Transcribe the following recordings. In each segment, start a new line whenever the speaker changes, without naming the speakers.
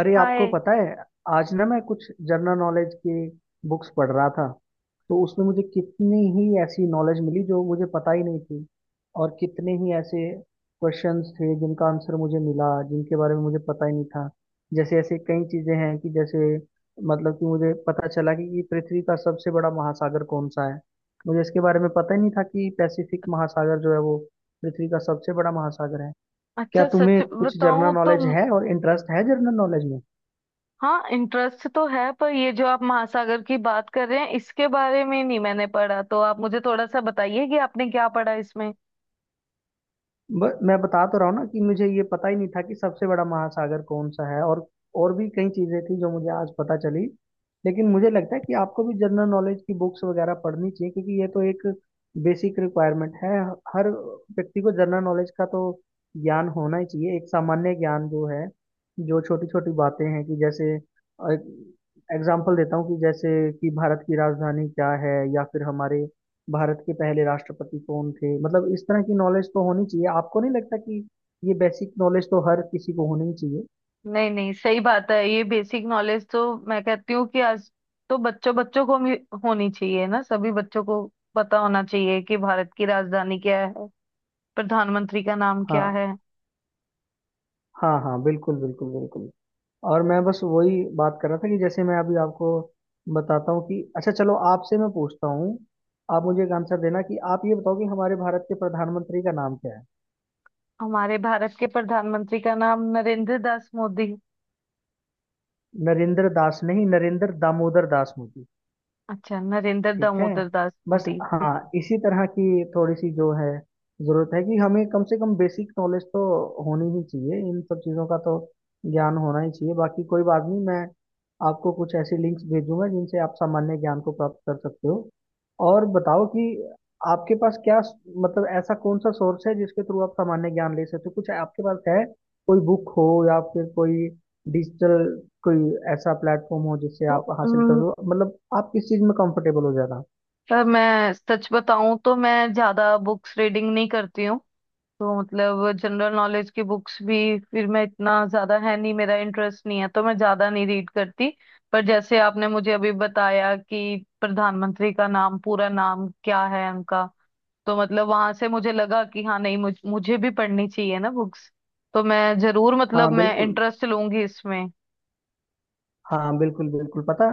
अरे आपको
हाय।
पता है, आज ना मैं कुछ जनरल नॉलेज की बुक्स पढ़ रहा था। तो उसमें मुझे कितनी ही ऐसी नॉलेज मिली जो मुझे पता ही नहीं थी। और कितने ही ऐसे क्वेश्चंस थे जिनका आंसर मुझे मिला, जिनके बारे में मुझे पता ही नहीं था। जैसे ऐसे कई चीजें हैं कि जैसे, मतलब कि मुझे पता चला कि पृथ्वी का सबसे बड़ा महासागर कौन सा है। मुझे इसके बारे में पता ही नहीं था कि पैसिफिक महासागर जो है वो पृथ्वी का सबसे बड़ा महासागर है। क्या
अच्छा,
तुम्हें
सच
कुछ जनरल
बताऊं तो
नॉलेज है, और इंटरेस्ट है जनरल नॉलेज में?
हाँ, इंटरेस्ट तो है पर ये जो आप महासागर की बात कर रहे हैं इसके बारे में नहीं मैंने पढ़ा, तो आप मुझे थोड़ा सा बताइए कि आपने क्या पढ़ा इसमें।
मैं बता तो रहा हूँ ना कि मुझे ये पता ही नहीं था कि सबसे बड़ा महासागर कौन सा है। और भी कई चीजें थी जो मुझे आज पता चली। लेकिन मुझे लगता है कि आपको भी जनरल नॉलेज की बुक्स वगैरह पढ़नी चाहिए, क्योंकि ये तो एक बेसिक रिक्वायरमेंट है। हर व्यक्ति को जनरल नॉलेज का तो ज्ञान होना ही चाहिए। एक सामान्य ज्ञान जो है, जो छोटी छोटी बातें हैं कि जैसे, एग्जाम्पल देता हूँ कि जैसे, कि भारत की राजधानी क्या है, या फिर हमारे भारत के पहले राष्ट्रपति कौन थे। मतलब इस तरह की नॉलेज तो होनी चाहिए। आपको नहीं लगता कि ये बेसिक नॉलेज तो हर किसी को होनी ही चाहिए?
नहीं नहीं, सही बात है। ये बेसिक नॉलेज तो मैं कहती हूँ कि आज तो बच्चों बच्चों को भी होनी चाहिए ना, सभी बच्चों को पता होना चाहिए कि भारत की राजधानी क्या है, प्रधानमंत्री का नाम क्या
हाँ।
है।
हाँ हाँ, बिल्कुल बिल्कुल बिल्कुल। और मैं बस वही बात कर रहा था कि जैसे मैं अभी आपको बताता हूँ कि अच्छा चलो, आपसे मैं पूछता हूँ। आप मुझे एक आंसर देना कि आप ये बताओ कि हमारे भारत के प्रधानमंत्री का नाम क्या है?
हमारे भारत के प्रधानमंत्री का नाम नरेंद्र दास मोदी।
नरेंद्र दास नहीं, नरेंद्र दामोदर दास मोदी।
अच्छा, नरेंद्र
ठीक है।
दामोदर दास
बस
मोदी, ठीक।
हाँ, इसी तरह की थोड़ी सी जो है जरूरत है कि हमें कम से कम बेसिक नॉलेज तो होनी ही चाहिए। इन सब चीज़ों का तो ज्ञान होना ही चाहिए। बाकी कोई बात नहीं, मैं आपको कुछ ऐसी लिंक्स भेजूंगा जिनसे आप सामान्य ज्ञान को प्राप्त कर सकते हो। और बताओ कि आपके पास क्या, मतलब ऐसा कौन सा सोर्स है जिसके थ्रू आप सामान्य ज्ञान ले सकते हो? कुछ आपके पास है? कोई बुक हो या फिर कोई डिजिटल कोई ऐसा प्लेटफॉर्म हो जिससे
तो
आप हासिल
अम,
करो, मतलब आप किस चीज में कंफर्टेबल हो ज्यादा?
पर मैं सच बताऊं तो मैं ज्यादा बुक्स रीडिंग नहीं करती हूँ। तो मतलब जनरल नॉलेज की बुक्स भी फिर मैं इतना ज्यादा, है नहीं मेरा इंटरेस्ट नहीं है तो मैं ज्यादा नहीं रीड करती। पर जैसे आपने मुझे अभी बताया कि प्रधानमंत्री का नाम, पूरा नाम क्या है उनका, तो मतलब वहां से मुझे लगा कि हाँ, नहीं मुझे भी पढ़नी चाहिए ना बुक्स। तो मैं जरूर,
हाँ
मतलब मैं
बिल्कुल।
इंटरेस्ट लूंगी इसमें।
हाँ बिल्कुल बिल्कुल पता।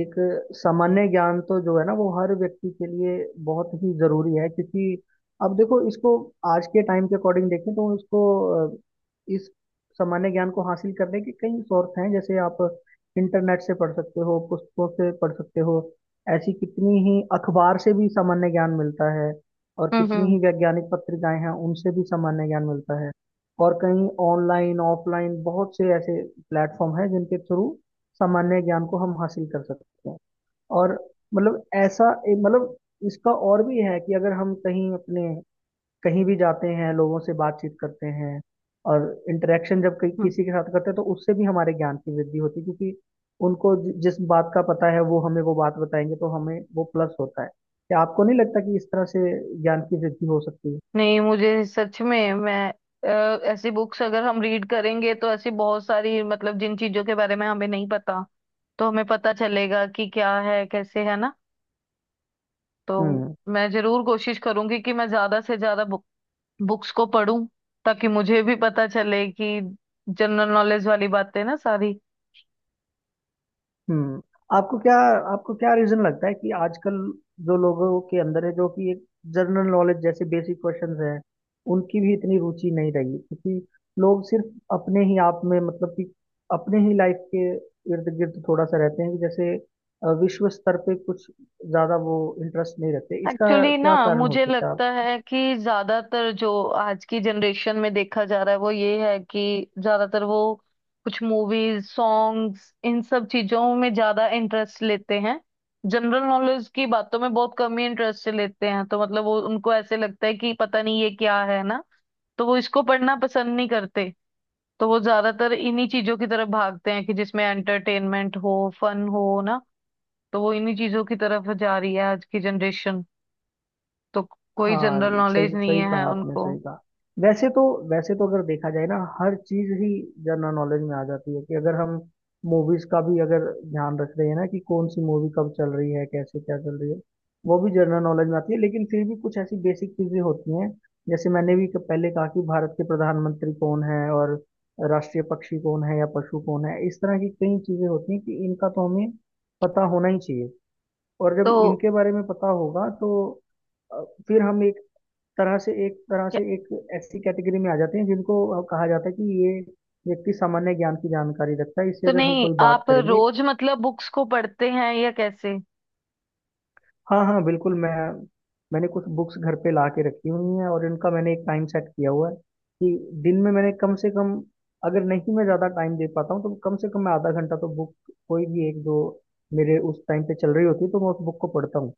एक सामान्य ज्ञान तो जो है ना वो हर व्यक्ति के लिए बहुत ही जरूरी है, क्योंकि अब देखो इसको, आज के टाइम के अकॉर्डिंग देखें तो इसको, अ, इस सामान्य ज्ञान को हासिल करने के कई सोर्स हैं। जैसे आप इंटरनेट से पढ़ सकते हो, पुस्तकों से पढ़ सकते हो। ऐसी कितनी ही अखबार से भी सामान्य ज्ञान मिलता है। और
हम्म,
कितनी
हम्म,
ही वैज्ञानिक पत्रिकाएं हैं, उनसे भी सामान्य ज्ञान मिलता है। और कहीं ऑनलाइन ऑफलाइन बहुत से ऐसे प्लेटफॉर्म हैं जिनके थ्रू सामान्य ज्ञान को हम हासिल कर सकते हैं। और मतलब ऐसा एक, मतलब इसका और भी है कि अगर हम कहीं अपने, कहीं भी जाते हैं, लोगों से बातचीत करते हैं और इंटरेक्शन जब कहीं
हम्म।
किसी के साथ करते हैं, तो उससे भी हमारे ज्ञान की वृद्धि होती है। क्योंकि उनको जिस बात का पता है वो हमें वो बात बताएंगे तो हमें वो प्लस होता है। क्या आपको नहीं लगता कि इस तरह से ज्ञान की वृद्धि हो सकती है?
नहीं, मुझे सच में, मैं अ, ऐसी बुक्स अगर हम रीड करेंगे तो ऐसी बहुत सारी, मतलब जिन चीजों के बारे में हमें नहीं पता तो हमें पता चलेगा कि क्या है, कैसे है ना। तो
हम्म
मैं जरूर कोशिश करूंगी कि मैं ज्यादा से ज्यादा बुक्स को पढूं, ताकि मुझे भी पता चले कि जनरल नॉलेज वाली बातें ना सारी।
हम्म। आपको क्या, आपको क्या रीजन लगता है कि आजकल जो लोगों के अंदर है, जो कि एक जनरल नॉलेज जैसे बेसिक क्वेश्चंस हैं, उनकी भी इतनी रुचि नहीं रही? क्योंकि लोग सिर्फ अपने ही आप में, मतलब कि अपने ही लाइफ के इर्द गिर्द थोड़ा सा रहते हैं कि जैसे विश्व स्तर पे कुछ ज्यादा वो इंटरेस्ट नहीं रखते इसका।
एक्चुअली ना,
क्या कारण हो
मुझे
सकता
लगता
है?
है कि ज्यादातर जो आज की जनरेशन में देखा जा रहा है वो ये है कि ज्यादातर वो कुछ मूवीज, सॉन्ग्स, इन सब चीजों में ज्यादा इंटरेस्ट लेते हैं, जनरल नॉलेज की बातों में बहुत कम ही इंटरेस्ट लेते हैं। तो मतलब वो, उनको ऐसे लगता है कि पता नहीं ये क्या है ना, तो वो इसको पढ़ना पसंद नहीं करते। तो वो ज्यादातर इन्हीं चीजों की तरफ भागते हैं कि जिसमें एंटरटेनमेंट हो, फन हो ना। तो वो इन्हीं चीजों की तरफ जा रही है आज की जनरेशन, तो कोई
हाँ,
जनरल
सही
नॉलेज नहीं
सही
है
कहा आपने,
उनको।
सही कहा। वैसे तो, वैसे तो अगर देखा जाए ना हर चीज ही जनरल नॉलेज में आ जाती है। कि अगर हम मूवीज का भी अगर ध्यान रख रहे हैं ना कि कौन सी मूवी कब चल रही है, कैसे क्या चल रही है, वो भी जनरल नॉलेज में आती है। लेकिन फिर भी कुछ ऐसी बेसिक चीजें होती हैं, जैसे मैंने भी पहले कहा कि भारत के प्रधानमंत्री कौन है, और राष्ट्रीय पक्षी कौन है या पशु कौन है। इस तरह की कई चीजें होती हैं कि इनका तो हमें पता होना ही चाहिए। और जब
तो
इनके बारे में पता होगा तो फिर हम एक तरह से, एक तरह से
क्या-
एक ऐसी कैटेगरी में आ जाते हैं जिनको कहा जाता है कि ये व्यक्ति सामान्य ज्ञान की जानकारी रखता है। इससे
तो
अगर हम
नहीं,
कोई बात
आप
करेंगे।
रोज मतलब बुक्स को पढ़ते हैं या कैसे?
हाँ हाँ बिल्कुल। मैं, मैंने कुछ बुक्स घर पे ला के रखी हुई हैं और इनका मैंने एक टाइम सेट किया हुआ है कि दिन में मैंने कम से कम, अगर नहीं मैं ज़्यादा टाइम दे पाता हूँ तो कम से कम मैं आधा घंटा तो बुक, कोई भी एक जो मेरे उस टाइम पे चल रही होती है तो मैं उस बुक को पढ़ता हूँ।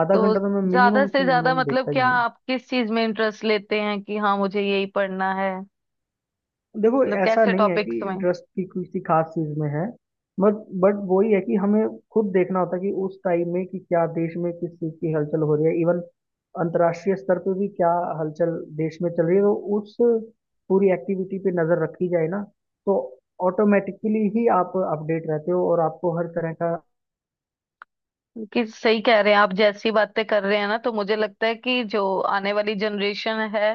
आधा
तो
घंटा तो मैं
ज्यादा
मिनिमम से
से ज्यादा
मिनिमम
मतलब,
देता ही
क्या
हूँ।
आप किस चीज में इंटरेस्ट लेते हैं कि हाँ मुझे यही पढ़ना है,
देखो
मतलब
ऐसा
कैसे
नहीं है कि
टॉपिक्स में?
इंटरेस्ट की किसी खास चीज में है। बट बट वही है कि हमें खुद देखना होता है कि उस टाइम में कि क्या देश में किस चीज की हलचल हो रही है, इवन अंतर्राष्ट्रीय स्तर पे भी क्या हलचल देश में चल रही है। तो उस पूरी एक्टिविटी पे नजर रखी जाए ना, तो ऑटोमेटिकली ही आप अपडेट रहते हो और आपको हर तरह का
कि सही कह रहे हैं आप, जैसी बातें कर रहे हैं ना, तो मुझे लगता है कि जो आने वाली जनरेशन है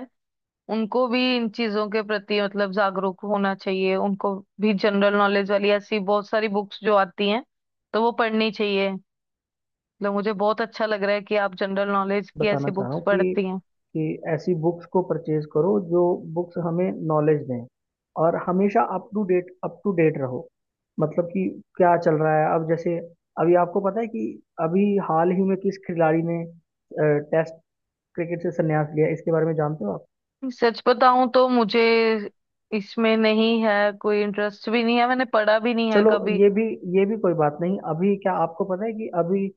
उनको भी इन चीजों के प्रति मतलब जागरूक होना चाहिए। उनको भी जनरल नॉलेज वाली ऐसी बहुत सारी बुक्स जो आती हैं तो वो पढ़नी चाहिए। मतलब मुझे बहुत अच्छा लग रहा है कि आप जनरल नॉलेज की
बताना
ऐसी
चाह रहा
बुक्स
हूँ कि
पढ़ती हैं।
कि ऐसी बुक्स को परचेज करो जो बुक्स हमें नॉलेज दें। और हमेशा up to date, up to date रहो। मतलब कि क्या चल रहा है, अब जैसे अभी आपको पता है कि अभी हाल ही में किस खिलाड़ी ने टेस्ट क्रिकेट से संन्यास लिया, इसके बारे में जानते हो आप?
सच बताऊं तो मुझे इसमें नहीं है, कोई इंटरेस्ट भी नहीं है, मैंने पढ़ा भी नहीं है
चलो,
कभी।
ये भी, ये भी कोई बात नहीं। अभी क्या आपको पता है कि अभी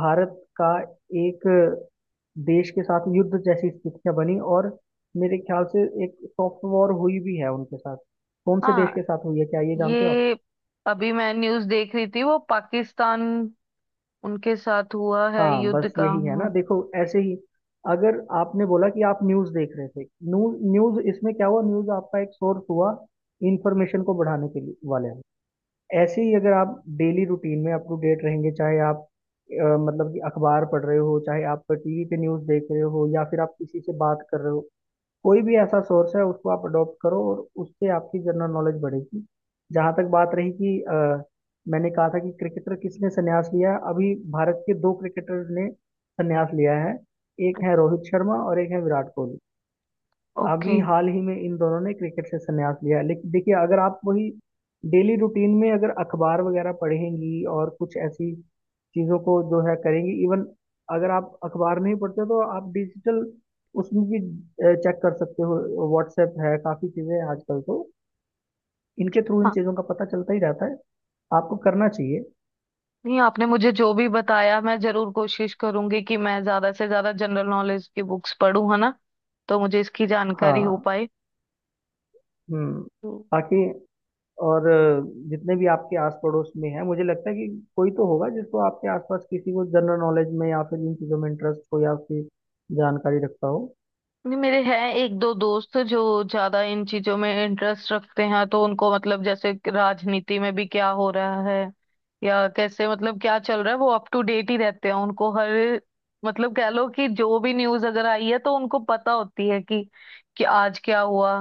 भारत का एक देश के साथ युद्ध जैसी स्थितियां बनी, और मेरे ख्याल से एक सॉफ्ट वॉर हुई भी है उनके साथ? कौन से देश
हाँ,
के साथ हुई है, क्या ये जानते हो आप?
ये अभी मैं न्यूज़ देख रही थी, वो पाकिस्तान, उनके साथ हुआ है
हाँ,
युद्ध
बस
का,
यही है ना
हाँ।
देखो। ऐसे ही, अगर आपने बोला कि आप न्यूज़ देख रहे थे, न्यूज़, न्यूज़ इसमें क्या हुआ, न्यूज़ आपका एक सोर्स हुआ इंफॉर्मेशन को बढ़ाने के लिए वाले। ऐसे ही अगर आप डेली रूटीन में अप टू डेट रहेंगे, चाहे आप मतलब कि अखबार पढ़ रहे हो, चाहे आप टीवी पे न्यूज़ देख रहे हो, या फिर आप किसी से बात कर रहे हो, कोई भी ऐसा सोर्स है उसको आप अडॉप्ट करो और उससे आपकी जनरल नॉलेज बढ़ेगी। जहाँ तक बात रही कि मैंने कहा था कि क्रिकेटर किसने संन्यास लिया है, अभी भारत के दो क्रिकेटर ने संन्यास लिया है। एक है रोहित शर्मा और एक है विराट कोहली।
ओके।
अभी हाल ही में इन दोनों ने क्रिकेट से संन्यास लिया है। लेकिन देखिए, अगर आप वही डेली रूटीन में अगर अखबार वगैरह पढ़ेंगी और कुछ ऐसी चीजों को जो है करेंगी, इवन अगर आप अखबार नहीं पढ़ते तो आप डिजिटल उसमें भी चेक कर सकते हो। व्हाट्सएप है, काफी चीजें हैं आजकल तो, इनके थ्रू इन
हाँ,
चीजों का पता चलता ही रहता है। आपको करना चाहिए।
नहीं आपने मुझे जो भी बताया, मैं जरूर कोशिश करूंगी कि मैं ज्यादा से ज्यादा जनरल नॉलेज की बुक्स पढूं, है ना, तो मुझे इसकी जानकारी हो
हाँ।
पाए।
हम्म।
तो
बाकी और जितने भी आपके आस पड़ोस में है, मुझे लगता है कि कोई तो होगा जिसको आपके आसपास, किसी को जनरल नॉलेज में या फिर इन चीज़ों में इंटरेस्ट हो या फिर जानकारी रखता हो।
नहीं, मेरे हैं एक दो दोस्त जो ज्यादा इन चीजों में इंटरेस्ट रखते हैं, तो उनको मतलब जैसे राजनीति में भी क्या हो रहा है या कैसे, मतलब क्या चल रहा है, वो अप टू डेट ही रहते हैं। उनको हर, मतलब कह लो कि जो भी न्यूज अगर आई है तो उनको पता होती है कि आज क्या हुआ,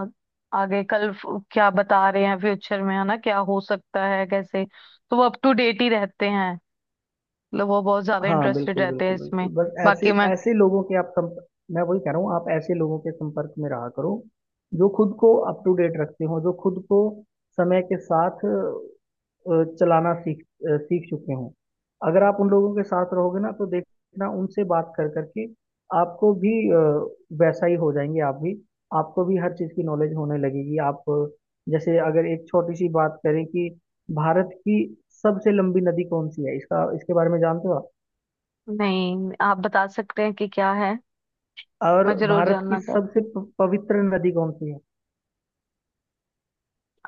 आगे कल क्या बता रहे हैं, फ्यूचर में है ना, क्या हो सकता है, कैसे। तो वो अप टू डेट ही रहते हैं, मतलब वो बहुत ज्यादा
हाँ
इंटरेस्टेड
बिल्कुल
रहते
बिल्कुल
हैं
बिल्कुल,
इसमें।
बस ऐसे,
बाकी मैं।
ऐसे लोगों के आप संपर्क, मैं वही कह रहा हूँ, आप ऐसे लोगों के संपर्क में रहा करो जो खुद को अप टू डेट रखते हो, जो खुद को समय के साथ चलाना सीख, सीख चुके हों। अगर आप उन लोगों के साथ रहोगे ना तो देखना, उनसे बात कर करके आपको भी वैसा ही हो जाएंगे आप भी। आपको भी हर चीज़ की नॉलेज होने लगेगी। आप जैसे अगर एक छोटी सी बात करें कि भारत की सबसे लंबी नदी कौन सी है, इसका, इसके बारे में जानते हो आप?
नहीं, आप बता सकते हैं कि क्या है,
और
मैं जरूर
भारत की
जानना चाहती
सबसे
हूँ,
पवित्र नदी कौन सी है?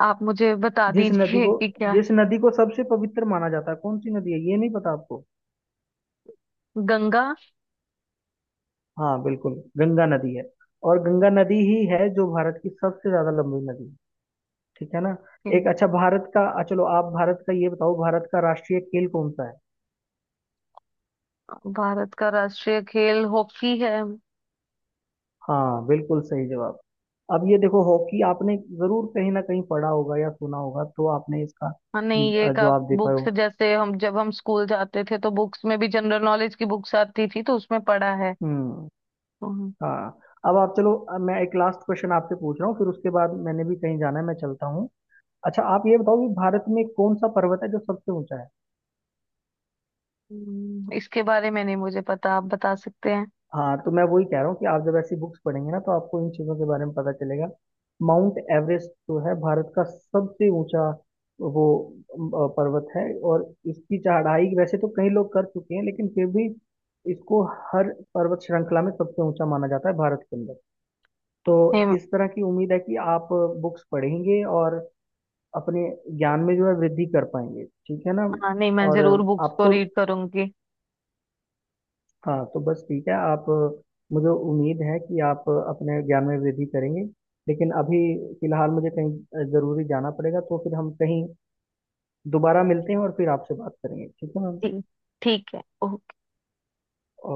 आप मुझे बता
जिस नदी
दीजिए
को,
कि क्या।
जिस नदी को सबसे पवित्र माना जाता है, कौन सी नदी है, ये नहीं पता आपको?
गंगा।
हाँ बिल्कुल, गंगा नदी है। और गंगा नदी ही है जो भारत की सबसे ज्यादा लंबी नदी है। ठीक है ना। एक अच्छा भारत का, आ, चलो आप भारत का ये बताओ, भारत का राष्ट्रीय खेल कौन सा है?
भारत का राष्ट्रीय खेल हॉकी है।
हाँ बिल्कुल सही जवाब। अब ये देखो, हॉकी आपने जरूर कहीं ना कहीं पढ़ा होगा या सुना होगा, तो आपने इसका
हाँ, नहीं ये का,
जवाब दे पाए
बुक
हो।
से जैसे, हम जब हम स्कूल जाते थे तो बुक्स में भी जनरल नॉलेज की बुक्स आती थी तो उसमें पढ़ा है।
हम्म।
हम्म।
हाँ। अब आप चलो, अब मैं एक लास्ट क्वेश्चन आपसे पूछ रहा हूँ, फिर उसके बाद मैंने भी कहीं जाना है, मैं चलता हूँ। अच्छा आप ये बताओ कि भारत में कौन सा पर्वत है जो सबसे ऊंचा है?
इसके बारे में नहीं मुझे पता, आप बता सकते हैं?
हाँ, तो मैं वही कह रहा हूँ कि आप जब ऐसी बुक्स पढ़ेंगे ना तो आपको इन चीज़ों के बारे में पता चलेगा। माउंट एवरेस्ट जो है भारत का सबसे ऊंचा वो पर्वत है। और इसकी चढ़ाई वैसे तो कई लोग कर चुके हैं लेकिन फिर भी इसको हर पर्वत श्रृंखला में सबसे ऊंचा माना जाता है, भारत के अंदर। तो
नहीं,
इस तरह की उम्मीद है कि आप बुक्स पढ़ेंगे और अपने ज्ञान में जो है वृद्धि कर पाएंगे, ठीक है ना।
हाँ, नहीं मैं
और
जरूर बुक्स को
आपको,
रीड करूंगी।
हाँ तो बस ठीक है आप, मुझे उम्मीद है कि आप अपने ज्ञान में वृद्धि करेंगे। लेकिन अभी फिलहाल मुझे कहीं ज़रूरी जाना पड़ेगा, तो फिर हम कहीं दोबारा मिलते हैं और फिर आपसे बात करेंगे, ठीक है मैम।
जी। ठीक है,